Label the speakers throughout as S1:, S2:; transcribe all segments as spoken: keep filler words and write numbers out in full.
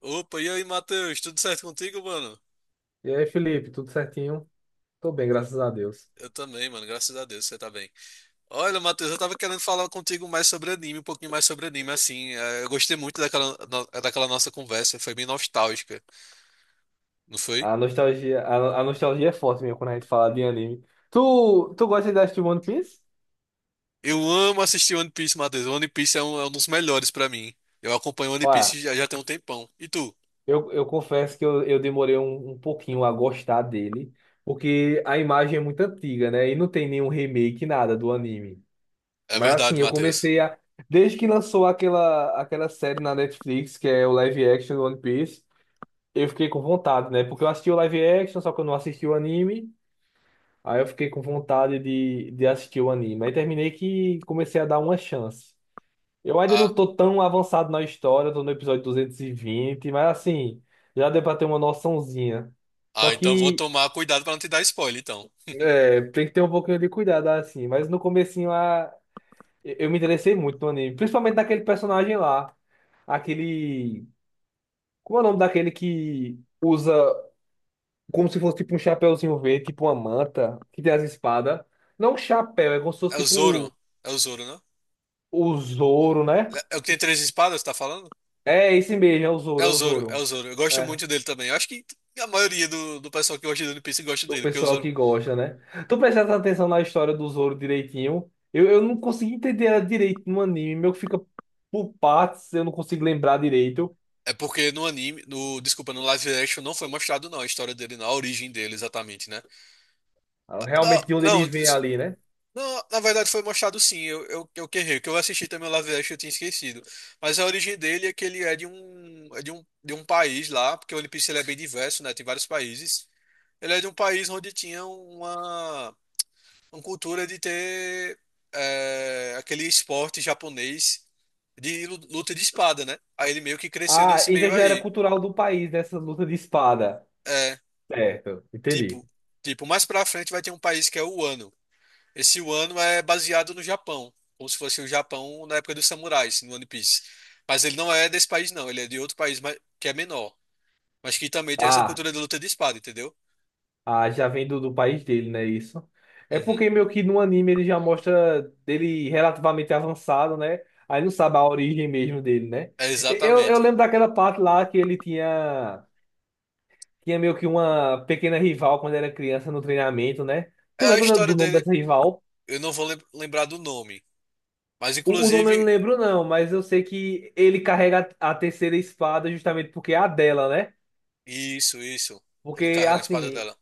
S1: Opa, e aí, Matheus? Tudo certo contigo, mano?
S2: E aí, Felipe, tudo certinho? Tô bem, graças a Deus.
S1: Eu também, mano. Graças a Deus, você tá bem. Olha, Matheus, eu tava querendo falar contigo mais sobre anime, um pouquinho mais sobre anime, assim. eh, Eu gostei muito daquela, no- daquela nossa conversa, foi bem nostálgica, não foi?
S2: A nostalgia, a, a nostalgia é forte mesmo quando a gente fala de anime. Tu, tu gosta de assistir One Piece?
S1: Eu amo assistir One Piece, Matheus. One Piece é um, é um dos melhores pra mim. Eu acompanho One
S2: Olha,
S1: Piece já, já tem um tempão. E tu?
S2: eu, eu confesso que eu, eu demorei um, um pouquinho a gostar dele, porque a imagem é muito antiga, né? E não tem nenhum remake, nada do anime.
S1: É
S2: Mas
S1: verdade,
S2: assim, eu
S1: Matheus.
S2: comecei a. Desde que lançou aquela, aquela série na Netflix, que é o live action do One Piece, eu fiquei com vontade, né? Porque eu assisti o live action, só que eu não assisti o anime. Aí eu fiquei com vontade de, de assistir o anime. Aí terminei que comecei a dar uma chance. Eu ainda não
S1: Ah,
S2: tô tão avançado na história, tô no episódio duzentos e vinte, mas assim, já deu pra ter uma noçãozinha. Só
S1: ah, então vou
S2: que
S1: tomar cuidado pra não te dar spoiler, então.
S2: é, tem que ter um pouquinho de cuidado, assim. Mas no comecinho a, eu me interessei muito no anime, principalmente naquele personagem lá. Aquele. Como é o nome daquele que usa como se fosse tipo um chapéuzinho verde, tipo uma manta, que tem as espadas? Não um chapéu, é como se
S1: É
S2: fosse
S1: o Zoro.
S2: tipo
S1: É o Zoro, né?
S2: o Zoro, né?
S1: É é o que tem três espadas, tá falando?
S2: É esse mesmo, é o
S1: É
S2: Zoro, é
S1: o
S2: o
S1: Zoro, é
S2: Zoro.
S1: o Zoro. Eu gosto
S2: É,
S1: muito dele também. Eu acho que a maioria do, do pessoal que gosta de One Piece gosta
S2: do
S1: dele, porque o
S2: pessoal
S1: Zoro.
S2: que gosta, né? Tu prestas atenção na história do Zoro direitinho. Eu, eu não consegui entender ela direito no anime, meu que fica por partes, eu não consigo lembrar direito.
S1: É porque no anime, no, desculpa, no live action não foi mostrado não a história dele, não, a origem dele exatamente, né?
S2: Ah,
S1: Não,
S2: realmente de onde ele
S1: não,
S2: vem
S1: des-
S2: ali, né?
S1: não, na verdade foi mostrado sim, eu, eu, eu que errei, que eu assisti também o live action eu tinha esquecido. Mas a origem dele é que ele é de um, é de um, de um país lá, porque o One Piece ele é bem diverso, né? Tem vários países. Ele é de um país onde tinha uma uma cultura de ter é, aquele esporte japonês de lu- luta de espada, né? Aí ele meio que cresceu
S2: Ah,
S1: nesse
S2: então
S1: meio
S2: já era
S1: aí.
S2: cultural do país, né? Essa luta de espada.
S1: É,
S2: Certo, entendi.
S1: tipo, tipo, mais pra frente vai ter um país que é o Wano. Esse Wano é baseado no Japão, como se fosse o Japão na época dos samurais, no One Piece. Mas ele não é desse país, não. Ele é de outro país mas- que é menor, mas que também tem essa
S2: Ah.
S1: cultura de luta de espada, entendeu?
S2: Ah, já vem do, do país dele, né? Isso. É
S1: Uhum.
S2: porque meio que no anime ele já mostra dele relativamente avançado, né? Aí não sabe a origem mesmo dele, né?
S1: É
S2: E- Eu, eu
S1: exatamente.
S2: lembro daquela parte lá que ele tinha, tinha meio que uma pequena rival quando era criança no treinamento, né?
S1: É
S2: Tu
S1: a
S2: lembra do
S1: história
S2: do nome
S1: dele.
S2: dessa rival?
S1: Eu não vou lem- lembrar do nome. Mas,
S2: O, o nome eu não
S1: inclusive,
S2: lembro, não, mas eu sei que ele carrega a, a terceira espada justamente porque é a dela, né?
S1: isso, isso. Ele
S2: Porque,
S1: carrega a espada
S2: assim,
S1: dela.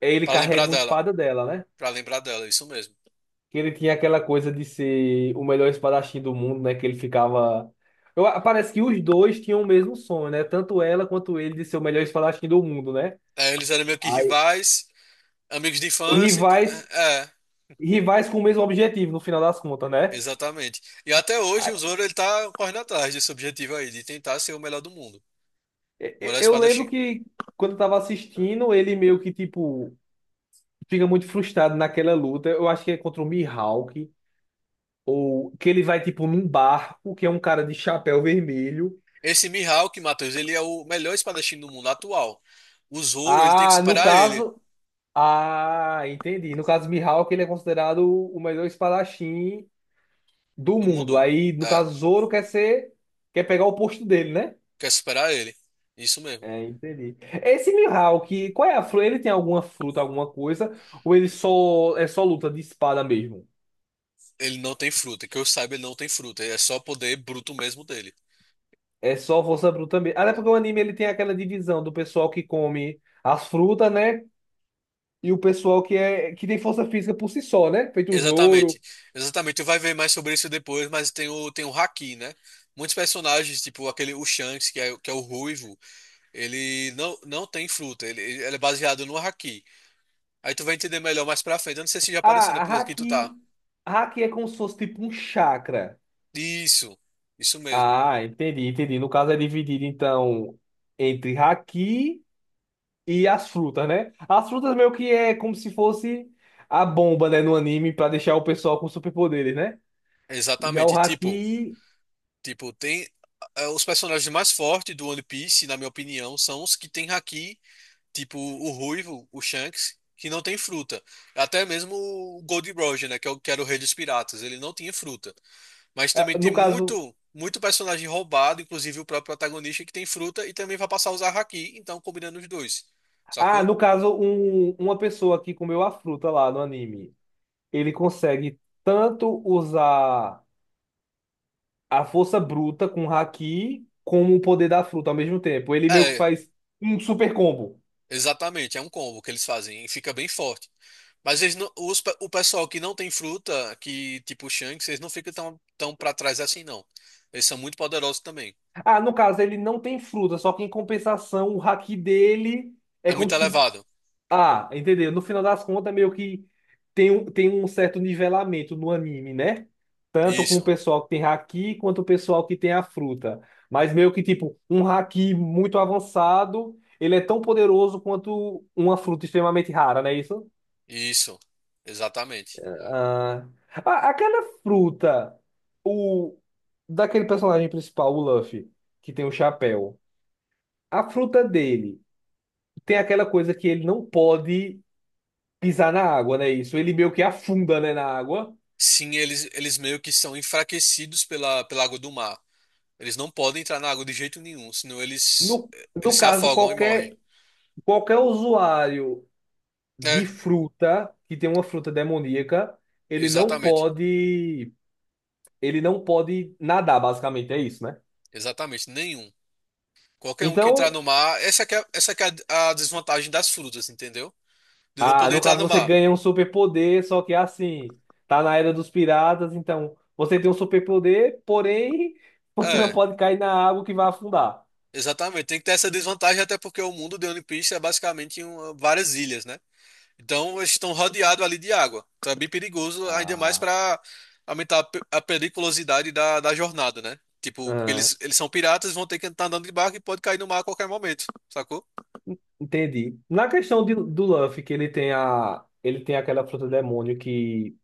S2: ele
S1: Pra lembrar
S2: carrega uma
S1: dela.
S2: espada dela, né?
S1: Pra lembrar dela, isso mesmo.
S2: Que ele tinha aquela coisa de ser o melhor espadachim do mundo, né? Que ele ficava. Eu, parece que os dois tinham o mesmo sonho, né? Tanto ela quanto ele de ser o melhor espadachim do mundo, né?
S1: É, eles eram meio que
S2: Aí,
S1: rivais, amigos de
S2: os
S1: infância. E
S2: rivais,
S1: É, é,
S2: rivais com o mesmo objetivo, no final das contas, né?
S1: exatamente. E até hoje
S2: Aí,
S1: o Zoro ele tá correndo atrás desse objetivo aí, de tentar ser o melhor do mundo.
S2: e-
S1: O
S2: e-
S1: melhor
S2: Eu lembro
S1: espadachim.
S2: que quando eu tava assistindo, ele meio que, tipo, fica muito frustrado naquela luta. Eu acho que é contra o Mihawk, ou que ele vai, tipo, num barco, que é um cara de chapéu vermelho.
S1: Esse Mihawk, Matheus, ele é o melhor espadachim do mundo atual. O Zoro, ele tem que
S2: Ah, no
S1: superar ele.
S2: caso. Ah, entendi. No caso, Mihawk, ele é considerado o melhor espadachim do
S1: Do
S2: mundo.
S1: mundo.
S2: Aí, no
S1: É,
S2: caso, Zoro quer ser, quer pegar o posto dele, né?
S1: quer superar ele. Isso mesmo.
S2: É, entendi. Esse Mihawk, qual é a fruta? Ele tem alguma fruta, alguma coisa? Ou ele só é só luta de espada mesmo?
S1: Ele não tem fruta. Que eu saiba, ele não tem fruta. É só poder bruto mesmo dele.
S2: É só força bruta mesmo. Até porque o anime ele tem aquela divisão do pessoal que come as frutas, né? E o pessoal que é que tem força física por si só, né? Feito o Zoro.
S1: Exatamente, exatamente. Tu vai ver mais sobre isso depois, mas tem o, tem o Haki, né? Muitos personagens, tipo aquele o Shanks, que é, que é o ruivo, ele não, não tem fruta, ele, ele é baseado no Haki. Aí tu vai entender melhor mais pra frente. Eu não sei se já apareceu na
S2: Ah, a
S1: episódio que tu tá.
S2: Haki, a Haki é como se fosse tipo um chakra.
S1: Isso, isso mesmo.
S2: Ah, entendi, entendi. No caso é dividido, então, entre haki e as frutas, né? As frutas meio que é como se fosse a bomba, né, no anime, pra deixar o pessoal com superpoderes, né? Já o
S1: Exatamente. Tipo,
S2: haki,
S1: tipo, tem. eh, Os personagens mais fortes do One Piece, na minha opinião, são os que têm Haki. Tipo o ruivo, o Shanks, que não tem fruta. Até mesmo o Gold Roger, né, que é o, que era o rei dos piratas, ele não tinha fruta. Mas
S2: ah,
S1: também tem
S2: no caso...
S1: muito muito personagem roubado, inclusive o próprio protagonista que tem fruta e também vai passar a usar haki, então combinando os dois.
S2: Ah,
S1: Sacou?
S2: no caso, um, uma pessoa que comeu a fruta lá no anime, ele consegue tanto usar a força bruta com o haki, como o poder da fruta ao mesmo tempo. Ele meio que
S1: É,
S2: faz um super combo.
S1: exatamente, é um combo que eles fazem e fica bem forte. Mas eles não- os pe- o pessoal que não tem fruta, que tipo o Shanks, eles não ficam tão, tão para trás assim, não. Eles são muito poderosos também.
S2: Ah, no caso, ele não tem fruta, só que em compensação, o haki dele é
S1: É
S2: como
S1: muito
S2: se.
S1: elevado.
S2: Ah, entendeu? No final das contas, meio que tem um, tem um certo nivelamento no anime, né? Tanto com o
S1: Isso.
S2: pessoal que tem haki, quanto o pessoal que tem a fruta. Mas meio que, tipo, um haki muito avançado, ele é tão poderoso quanto uma fruta extremamente rara, não é isso?
S1: Isso, exatamente.
S2: Ah, a- aquela fruta, o daquele personagem principal, o Luffy, que tem o chapéu. A fruta dele. Tem aquela coisa que ele não pode pisar na água, né? Isso, ele meio que afunda, né, na água.
S1: Sim, eles, eles meio que são enfraquecidos pela, pela água do mar. Eles não podem entrar na água de jeito nenhum, senão eles,
S2: No,
S1: eles
S2: no
S1: se
S2: caso,
S1: afogam e morrem.
S2: qualquer, qualquer usuário de
S1: É,
S2: fruta que tem uma fruta demoníaca, ele não
S1: exatamente.
S2: pode, ele não pode nadar, basicamente, é isso, né?
S1: Exatamente, nenhum. Qualquer um que entrar
S2: Então,
S1: no mar, essa que é, essa que é a, a desvantagem das frutas, entendeu? De não
S2: ah,
S1: poder
S2: no
S1: entrar
S2: caso
S1: no
S2: você
S1: mar.
S2: ganha um superpoder, só que é assim, tá na era dos piratas, então você tem um superpoder, porém você não
S1: É,
S2: pode cair na água que vai afundar.
S1: exatamente. Tem que ter essa desvantagem até porque o mundo de One Piece é basicamente uma- várias ilhas, né? Então, eles estão rodeados ali de água. Então, é bem perigoso, ainda mais
S2: Ah,
S1: para aumentar a pe- a periculosidade da, da jornada, né? Tipo, porque
S2: ah,
S1: eles, eles são piratas, vão ter que estar andando de barco e pode cair no mar a qualquer momento, sacou?
S2: Entendi. Na questão de- do Luffy, que ele tem a, ele tem aquela fruta demônio que,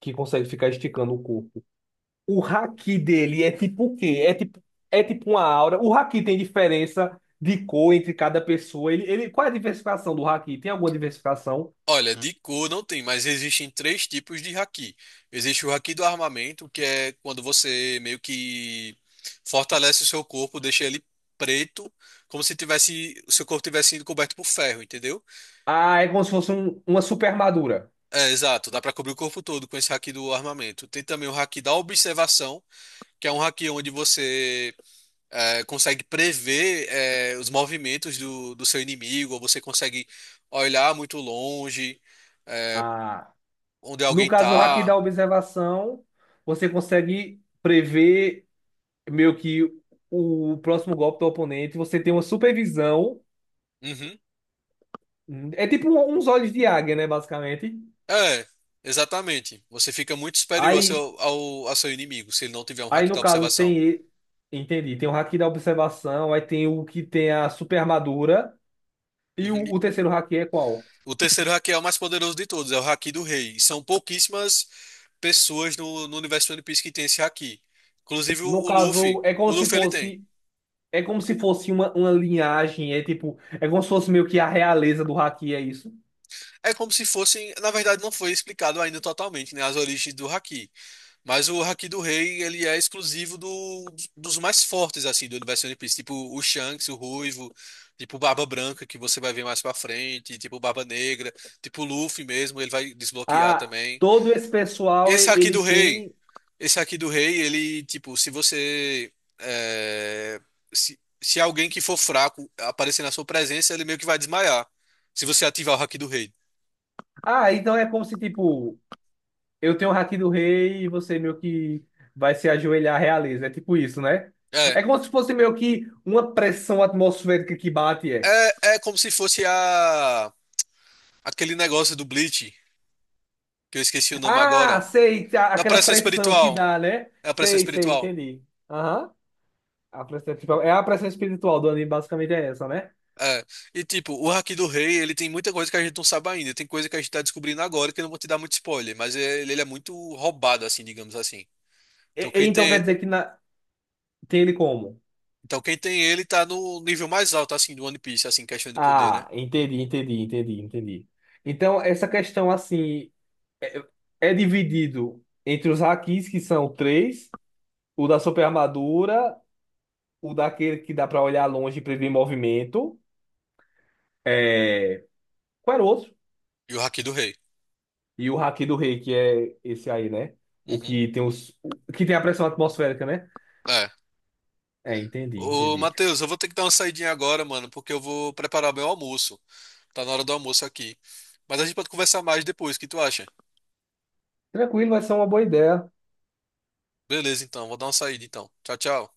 S2: que consegue ficar esticando o corpo. O haki dele é tipo o quê? É tipo, é tipo uma aura. O haki tem diferença de cor entre cada pessoa. Ele, ele, qual é a diversificação do haki? Tem alguma diversificação?
S1: Olha, de cor não tem, mas existem três tipos de haki. Existe o haki do armamento, que é quando você meio que fortalece o seu corpo, deixa ele preto, como se tivesse, o seu corpo tivesse sido coberto por ferro, entendeu?
S2: Ah, é como se fosse um- uma super armadura.
S1: É, exato, dá pra cobrir o corpo todo com esse haki do armamento. Tem também o haki da observação, que é um haki onde você é, consegue prever é, os movimentos do, do seu inimigo, ou você consegue olhar muito longe, é,
S2: Ah,
S1: onde
S2: no
S1: alguém
S2: caso, o haki
S1: tá.
S2: da observação, você consegue prever meio que o próximo golpe do oponente. Você tem uma supervisão.
S1: Uhum.
S2: Hum, É tipo um- uns olhos de águia, né, basicamente.
S1: É, exatamente. Você fica muito superior ao
S2: Aí,
S1: seu, ao, ao seu inimigo se ele não tiver um
S2: aí
S1: hack
S2: no
S1: da
S2: caso
S1: observação.
S2: tem, e- entendi, tem o haki da observação, aí tem o que tem a super armadura e o,
S1: Uhum. E
S2: o terceiro haki é qual?
S1: o terceiro hack é o mais poderoso de todos, é o hack do rei. E são pouquíssimas pessoas no, no universo de One Piece que tem esse hack. Inclusive o,
S2: No
S1: o Luffy.
S2: caso, é como
S1: O
S2: se
S1: Luffy ele tem.
S2: fosse, é como se fosse uma, uma linhagem, é tipo, é como se fosse meio que a realeza do haki, é isso?
S1: É como se fossem. Na verdade, não foi explicado ainda totalmente, né, as origens do hack. Mas o Haki do Rei, ele é exclusivo do, dos mais fortes, assim, do universo One Piece. Tipo o Shanks, o Ruivo, tipo o Barba Branca, que você vai ver mais pra frente, tipo o Barba Negra, tipo o Luffy mesmo, ele vai desbloquear
S2: Ah,
S1: também.
S2: todo esse pessoal
S1: Esse
S2: e-
S1: Haki
S2: ele
S1: do Rei,
S2: tem.
S1: esse Haki do Rei, ele, tipo, se você... é, se, se alguém que for fraco aparecer na sua presença, ele meio que vai desmaiar. Se você ativar o Haki do Rei.
S2: Ah, então é como se tipo eu tenho o haki do rei e você meio que vai se ajoelhar à realeza. É tipo isso, né?
S1: É,
S2: É como se fosse meio que uma pressão atmosférica que bate, é.
S1: é, é como se fosse a, aquele negócio do Bleach, que eu esqueci o nome
S2: Ah,
S1: agora.
S2: sei, a-
S1: Na
S2: aquela
S1: pressão
S2: pressão que
S1: espiritual.
S2: dá, né?
S1: É a pressão
S2: Sei, sei,
S1: espiritual.
S2: entendi. Aham. A pressão, tipo, é a pressão espiritual do anime, basicamente é essa, né?
S1: É. E tipo, o Haki do Rei, ele tem muita coisa que a gente não sabe ainda. Tem coisa que a gente tá descobrindo agora que eu não vou te dar muito spoiler, mas é, ele, ele é muito roubado, assim, digamos assim. Então
S2: E- e
S1: quem
S2: então quer
S1: tem,
S2: dizer que na- tem ele como?
S1: então quem tem ele tá no nível mais alto, assim, do One Piece, assim, questão de poder, né?
S2: Ah, entendi, entendi, entendi, entendi. Então, essa questão, assim, é, é dividido entre os hakis, que são três, o da super armadura, o daquele que dá pra olhar longe e prever movimento. É... Qual era o outro?
S1: E o Haki do Rei.
S2: E o Haki do Rei, que é esse aí, né? O
S1: Uhum.
S2: que tem os... o que tem a pressão atmosférica, né?
S1: É.
S2: É, entendi,
S1: Ô,
S2: entendi.
S1: Matheus, eu vou ter que dar uma saidinha agora, mano, porque eu vou preparar meu almoço. Tá na hora do almoço aqui. Mas a gente pode conversar mais depois, o que tu acha?
S2: Tranquilo, vai ser uma boa ideia.
S1: Beleza, então, vou dar uma saída então. Tchau, tchau.